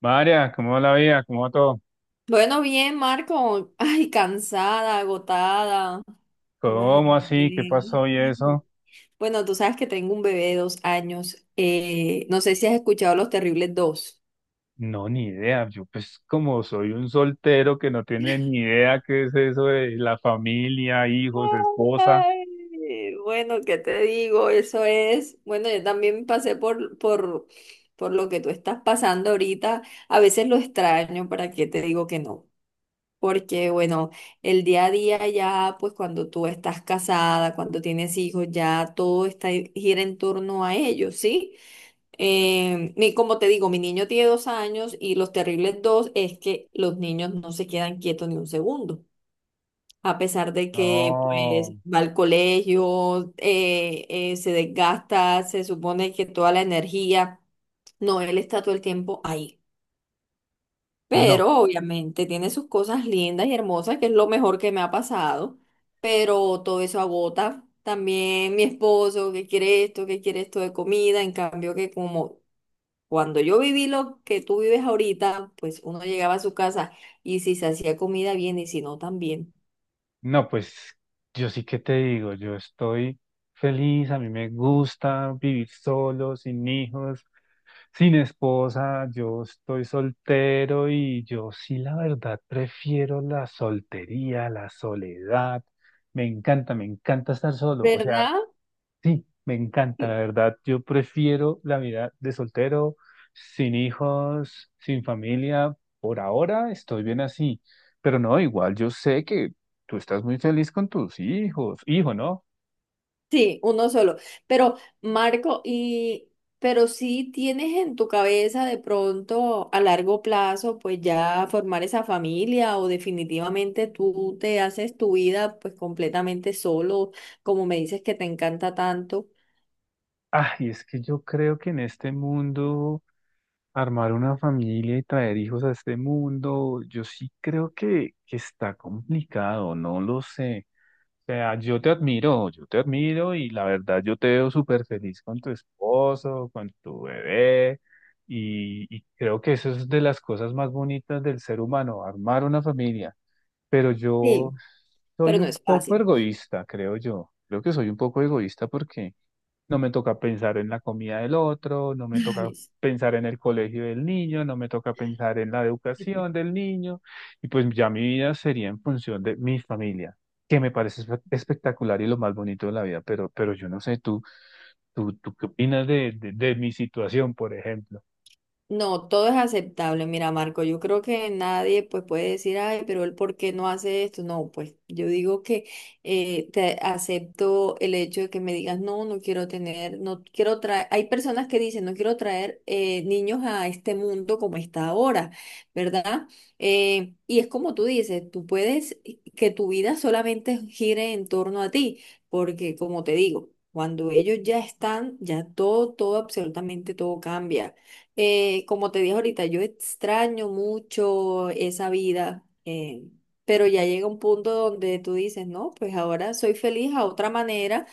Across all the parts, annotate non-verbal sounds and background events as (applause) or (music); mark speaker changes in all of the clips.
Speaker 1: María, ¿cómo va la vida? ¿Cómo va todo?
Speaker 2: Bueno, bien, Marco. (laughs) Ay, cansada, agotada.
Speaker 1: ¿Cómo así? ¿Qué
Speaker 2: Imagínate.
Speaker 1: pasó y eso?
Speaker 2: Bueno, tú sabes que tengo un bebé de 2 años. No sé si has escuchado Los Terribles dos.
Speaker 1: No, ni idea. Yo pues como soy un soltero que no tiene ni idea qué es eso de la familia, hijos, esposa.
Speaker 2: Ay, bueno, ¿qué te digo? Eso es. Bueno, yo también pasé por lo que tú estás pasando ahorita. A veces lo extraño, ¿para qué te digo que no? Porque, bueno, el día a día ya, pues cuando tú estás casada, cuando tienes hijos, ya gira en torno a ellos, ¿sí? Como te digo, mi niño tiene 2 años y los terribles dos es que los niños no se quedan quietos ni un segundo. A pesar de que, pues,
Speaker 1: No,
Speaker 2: va al colegio, se desgasta, se supone que toda la energía, no, él está todo el tiempo ahí.
Speaker 1: no,
Speaker 2: Pero obviamente tiene sus cosas lindas y hermosas, que es lo mejor que me ha pasado. Pero todo eso agota. También mi esposo que quiere esto de comida. En cambio que como cuando yo viví lo que tú vives ahorita, pues uno llegaba a su casa y si se hacía comida bien y si no también.
Speaker 1: no, pues yo sí que te digo, yo estoy feliz, a mí me gusta vivir solo, sin hijos. Sin esposa, yo estoy soltero y yo sí, la verdad, prefiero la soltería, la soledad. Me encanta estar solo. O sea,
Speaker 2: ¿Verdad?
Speaker 1: sí, me encanta, la verdad. Yo prefiero la vida de soltero, sin hijos, sin familia. Por ahora estoy bien así. Pero no, igual yo sé que tú estás muy feliz con tus hijos. Hijo, ¿no?
Speaker 2: Sí, uno solo. Pero, Marco, y pero si tienes en tu cabeza de pronto a largo plazo, pues ya formar esa familia o definitivamente tú te haces tu vida pues completamente solo, como me dices que te encanta tanto.
Speaker 1: Ay, es que yo creo que en este mundo... Armar una familia y traer hijos a este mundo, yo sí creo que está complicado, no lo sé. O sea, yo te admiro y la verdad yo te veo súper feliz con tu esposo, con tu bebé y creo que eso es de las cosas más bonitas del ser humano, armar una familia. Pero yo
Speaker 2: Sí, pero
Speaker 1: soy
Speaker 2: no
Speaker 1: un
Speaker 2: es
Speaker 1: poco
Speaker 2: fácil.
Speaker 1: egoísta, creo yo. Creo que soy un poco egoísta porque... No me toca pensar en la comida del otro, no me toca
Speaker 2: Ay,
Speaker 1: pensar en el colegio del niño, no me toca pensar en la
Speaker 2: sí.
Speaker 1: educación del niño, y pues ya mi vida sería en función de mi familia, que me parece espectacular y lo más bonito de la vida, pero yo no sé, tú qué opinas de mi situación, por ejemplo.
Speaker 2: No, todo es aceptable. Mira, Marco, yo creo que nadie pues puede decir, ay, pero él por qué no hace esto. No, pues yo digo que te acepto el hecho de que me digas, no, no quiero tener, no quiero traer. Hay personas que dicen, no quiero traer niños a este mundo como está ahora, ¿verdad? Y es como tú dices, tú puedes que tu vida solamente gire en torno a ti, porque como te digo, cuando ellos ya están, ya todo, todo, absolutamente todo cambia. Como te dije ahorita, yo extraño mucho esa vida, pero ya llega un punto donde tú dices, no, pues ahora soy feliz a otra manera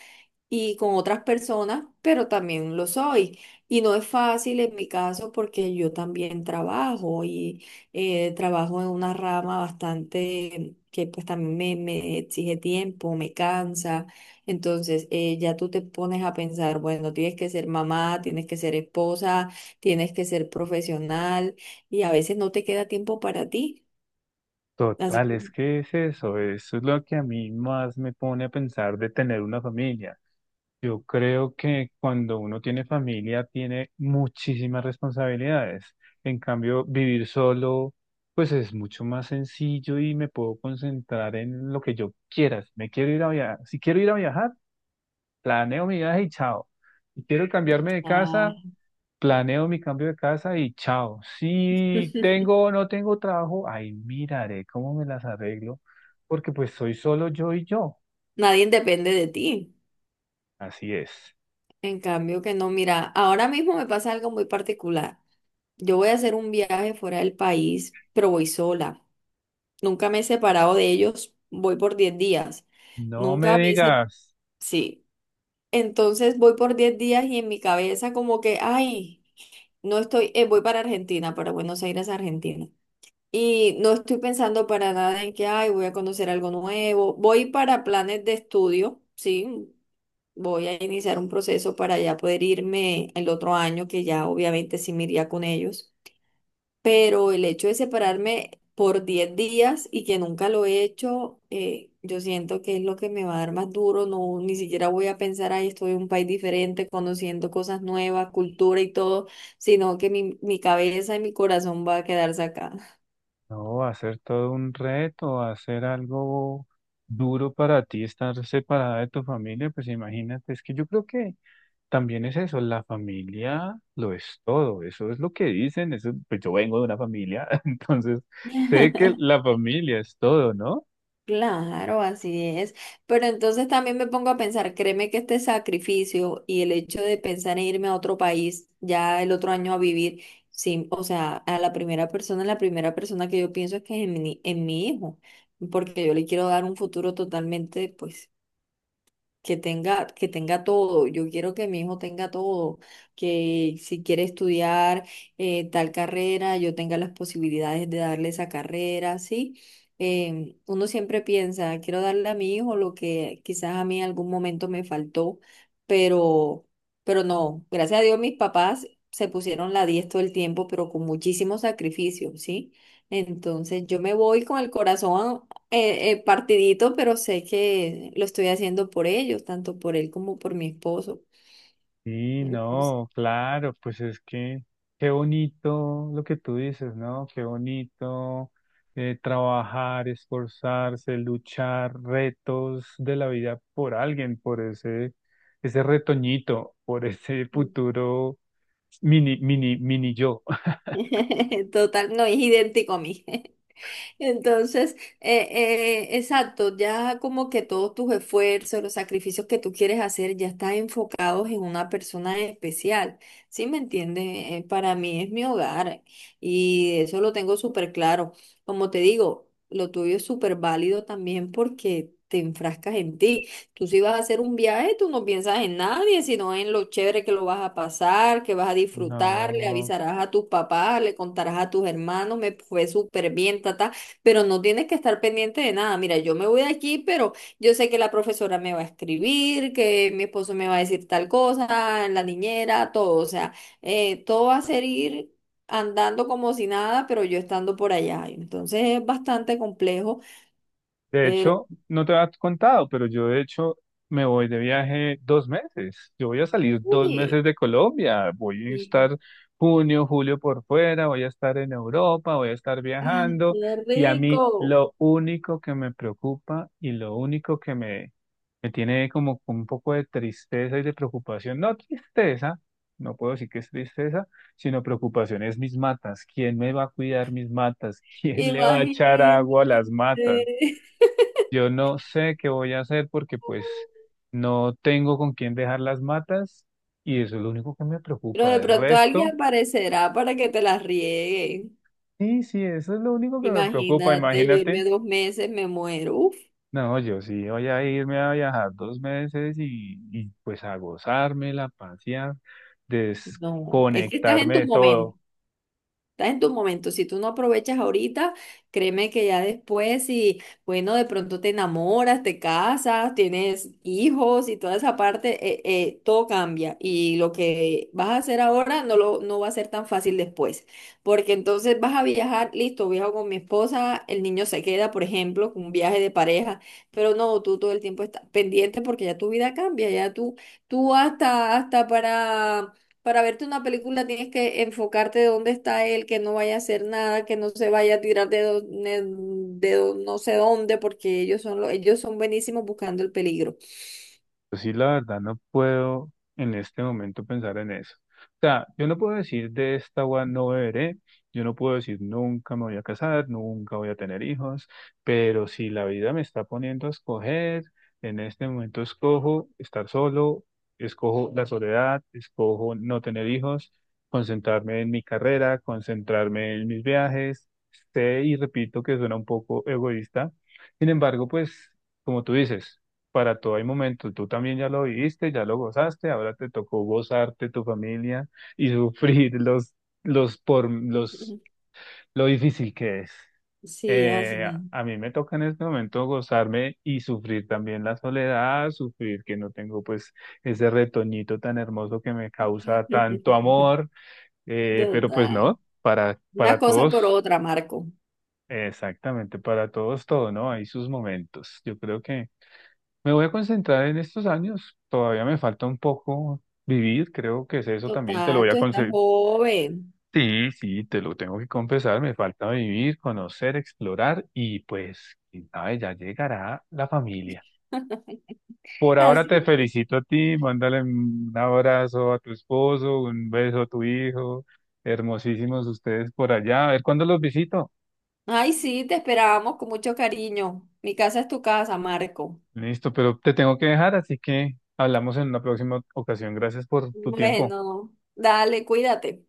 Speaker 2: y con otras personas, pero también lo soy. Y no es fácil en mi caso porque yo también trabajo y trabajo en una rama bastante que pues también me exige tiempo, me cansa. Entonces ya tú te pones a pensar, bueno, tienes que ser mamá, tienes que ser esposa, tienes que ser profesional y a veces no te queda tiempo para ti. Así
Speaker 1: Total,
Speaker 2: que
Speaker 1: es que es eso, eso es lo que a mí más me pone a pensar de tener una familia. Yo creo que cuando uno tiene familia tiene muchísimas responsabilidades. En cambio, vivir solo, pues es mucho más sencillo y me puedo concentrar en lo que yo quiera. Si me quiero ir a viajar, si quiero ir a viajar, planeo mi viaje y chao. Si quiero cambiarme de
Speaker 2: ah,
Speaker 1: casa, planeo mi cambio de casa y chao. Si
Speaker 2: (laughs)
Speaker 1: tengo o no tengo trabajo, ahí miraré cómo me las arreglo, porque pues soy solo yo y yo.
Speaker 2: nadie depende de ti.
Speaker 1: Así es.
Speaker 2: En cambio que no, mira, ahora mismo me pasa algo muy particular. Yo voy a hacer un viaje fuera del país, pero voy sola. Nunca me he separado de ellos, voy por 10 días.
Speaker 1: No me
Speaker 2: Nunca me he se-
Speaker 1: digas.
Speaker 2: Sí. Entonces voy por 10 días y en mi cabeza como que, ay, no estoy, voy para Argentina, para Buenos Aires, Argentina. Y no estoy pensando para nada en que, ay, voy a conocer algo nuevo. Voy para planes de estudio, sí, voy a iniciar un proceso para ya poder irme el otro año, que ya obviamente sí me iría con ellos. Pero el hecho de separarme por 10 días y que nunca lo he hecho, yo siento que es lo que me va a dar más duro. No, ni siquiera voy a pensar, ahí estoy en un país diferente, conociendo cosas nuevas, cultura y todo, sino que mi cabeza y mi corazón va a quedarse acá.
Speaker 1: No, hacer todo un reto, hacer algo duro para ti, estar separada de tu familia, pues imagínate, es que yo creo que también es eso, la familia lo es todo, eso es lo que dicen, eso, pues yo vengo de una familia, (laughs) entonces sé que
Speaker 2: (laughs)
Speaker 1: la familia es todo, ¿no?
Speaker 2: Claro, así es. Pero entonces también me pongo a pensar, créeme que este sacrificio y el hecho de pensar en irme a otro país ya el otro año a vivir, sí, o sea, a la primera persona que yo pienso es que es en mi hijo, porque yo le quiero dar un futuro totalmente, pues, que tenga todo. Yo quiero que mi hijo tenga todo, que si quiere estudiar tal carrera, yo tenga las posibilidades de darle esa carrera, ¿sí? Uno siempre piensa, quiero darle a mi hijo lo que quizás a mí en algún momento me faltó, pero, no, gracias a Dios mis papás se pusieron la 10 todo el tiempo, pero con muchísimo sacrificio, ¿sí? Entonces yo me voy con el corazón partidito, pero sé que lo estoy haciendo por ellos, tanto por él como por mi esposo.
Speaker 1: Sí,
Speaker 2: Entonces,
Speaker 1: no, claro, pues es que qué bonito lo que tú dices, ¿no? Qué bonito trabajar, esforzarse, luchar, retos de la vida por alguien, por ese, ese retoñito, por ese futuro mini, mini, mini yo. (laughs)
Speaker 2: (laughs) total, no es idéntico a mí. Entonces, exacto, ya como que todos tus esfuerzos, los sacrificios que tú quieres hacer ya están enfocados en una persona especial, ¿sí me entiendes? Para mí es mi hogar y eso lo tengo súper claro. Como te digo, lo tuyo es súper válido también porque te enfrascas en ti. Tú si vas a hacer un viaje, tú no piensas en nadie, sino en lo chévere que lo vas a pasar, que vas a disfrutar, le
Speaker 1: No.
Speaker 2: avisarás a tus papás, le contarás a tus hermanos, me fue súper bien, tata pero no tienes que estar pendiente de nada. Mira, yo me voy de aquí, pero yo sé que la profesora me va a escribir, que mi esposo me va a decir tal cosa, la niñera, todo. O sea, todo va a ser ir andando como si nada, pero yo estando por allá. Entonces es bastante complejo,
Speaker 1: De
Speaker 2: pero
Speaker 1: hecho, no te había contado, pero yo de hecho me voy de viaje dos meses. Yo voy a salir dos
Speaker 2: uy,
Speaker 1: meses de Colombia. Voy a
Speaker 2: y-
Speaker 1: estar junio, julio por fuera, voy a estar en Europa, voy a estar
Speaker 2: ay,
Speaker 1: viajando.
Speaker 2: qué
Speaker 1: Y a mí
Speaker 2: rico.
Speaker 1: lo único que me preocupa y lo único que me tiene como con un poco de tristeza y de preocupación, no tristeza, no puedo decir que es tristeza, sino preocupación es mis matas. ¿Quién me va a cuidar mis matas? (laughs) ¿Quién le va a echar
Speaker 2: Imagínate.
Speaker 1: agua a las matas?
Speaker 2: (laughs)
Speaker 1: Yo no sé qué voy a hacer porque pues no tengo con quién dejar las matas y eso es lo único que me
Speaker 2: Pero
Speaker 1: preocupa.
Speaker 2: de
Speaker 1: El
Speaker 2: pronto alguien
Speaker 1: resto,
Speaker 2: aparecerá para que te las riegue.
Speaker 1: sí, sí, eso es lo único que me preocupa,
Speaker 2: Imagínate, yo irme
Speaker 1: imagínate.
Speaker 2: 2 meses, me muero.
Speaker 1: No, yo sí voy a irme a viajar dos meses y pues a gozármela, a pasear,
Speaker 2: No, es que estás en
Speaker 1: desconectarme
Speaker 2: tu
Speaker 1: de
Speaker 2: momento,
Speaker 1: todo.
Speaker 2: estás en tu momento. Si tú no aprovechas ahorita, créeme que ya después, si, bueno, de pronto te enamoras, te casas, tienes hijos y toda esa parte, todo cambia. Y lo que vas a hacer ahora no va a ser tan fácil después. Porque entonces vas a viajar, listo, viajo con mi esposa, el niño se queda, por ejemplo, con un viaje de pareja, pero no, tú todo el tiempo estás pendiente porque ya tu vida cambia, ya tú hasta para verte una película tienes que enfocarte dónde está él, que no vaya a hacer nada, que no se vaya a tirar de, do- ne- de do- no sé dónde, porque ellos son buenísimos buscando el peligro.
Speaker 1: Yo sí, la verdad, no puedo en este momento pensar en eso. O sea, yo no puedo decir de esta agua no beberé, yo no puedo decir nunca me voy a casar, nunca voy a tener hijos, pero si la vida me está poniendo a escoger, en este momento escojo estar solo, escojo la soledad, escojo no tener hijos, concentrarme en mi carrera, concentrarme en mis viajes. Sé y repito que suena un poco egoísta, sin embargo, pues como tú dices para todo hay momento. Tú también ya lo viviste, ya lo gozaste, ahora te tocó gozarte tu familia y sufrir los por los
Speaker 2: (laughs)
Speaker 1: lo difícil que es.
Speaker 2: Sí,
Speaker 1: Eh,
Speaker 2: así
Speaker 1: a mí me toca en este momento gozarme y sufrir también la soledad, sufrir que no tengo pues ese retoñito tan hermoso que me causa tanto
Speaker 2: es. (laughs)
Speaker 1: amor, pero pues
Speaker 2: Total.
Speaker 1: no,
Speaker 2: Una
Speaker 1: para
Speaker 2: cosa
Speaker 1: todos,
Speaker 2: por otra, Marco.
Speaker 1: exactamente, para todos todo, ¿no? Hay sus momentos. Yo creo que me voy a concentrar en estos años. Todavía me falta un poco vivir, creo que es eso también. Te lo
Speaker 2: Total,
Speaker 1: voy
Speaker 2: tú
Speaker 1: a
Speaker 2: estás
Speaker 1: conceder.
Speaker 2: joven.
Speaker 1: Sí, sí, te lo tengo que confesar. Me falta vivir, conocer, explorar y pues, quién sabe, ya llegará la familia. Por ahora te
Speaker 2: Así.
Speaker 1: felicito a ti. Mándale un abrazo a tu esposo, un beso a tu hijo. Hermosísimos ustedes por allá. A ver cuándo los visito.
Speaker 2: Ay, sí, te esperábamos con mucho cariño. Mi casa es tu casa, Marco.
Speaker 1: Listo, pero te tengo que dejar, así que hablamos en una próxima ocasión. Gracias por tu tiempo.
Speaker 2: Bueno, dale, cuídate.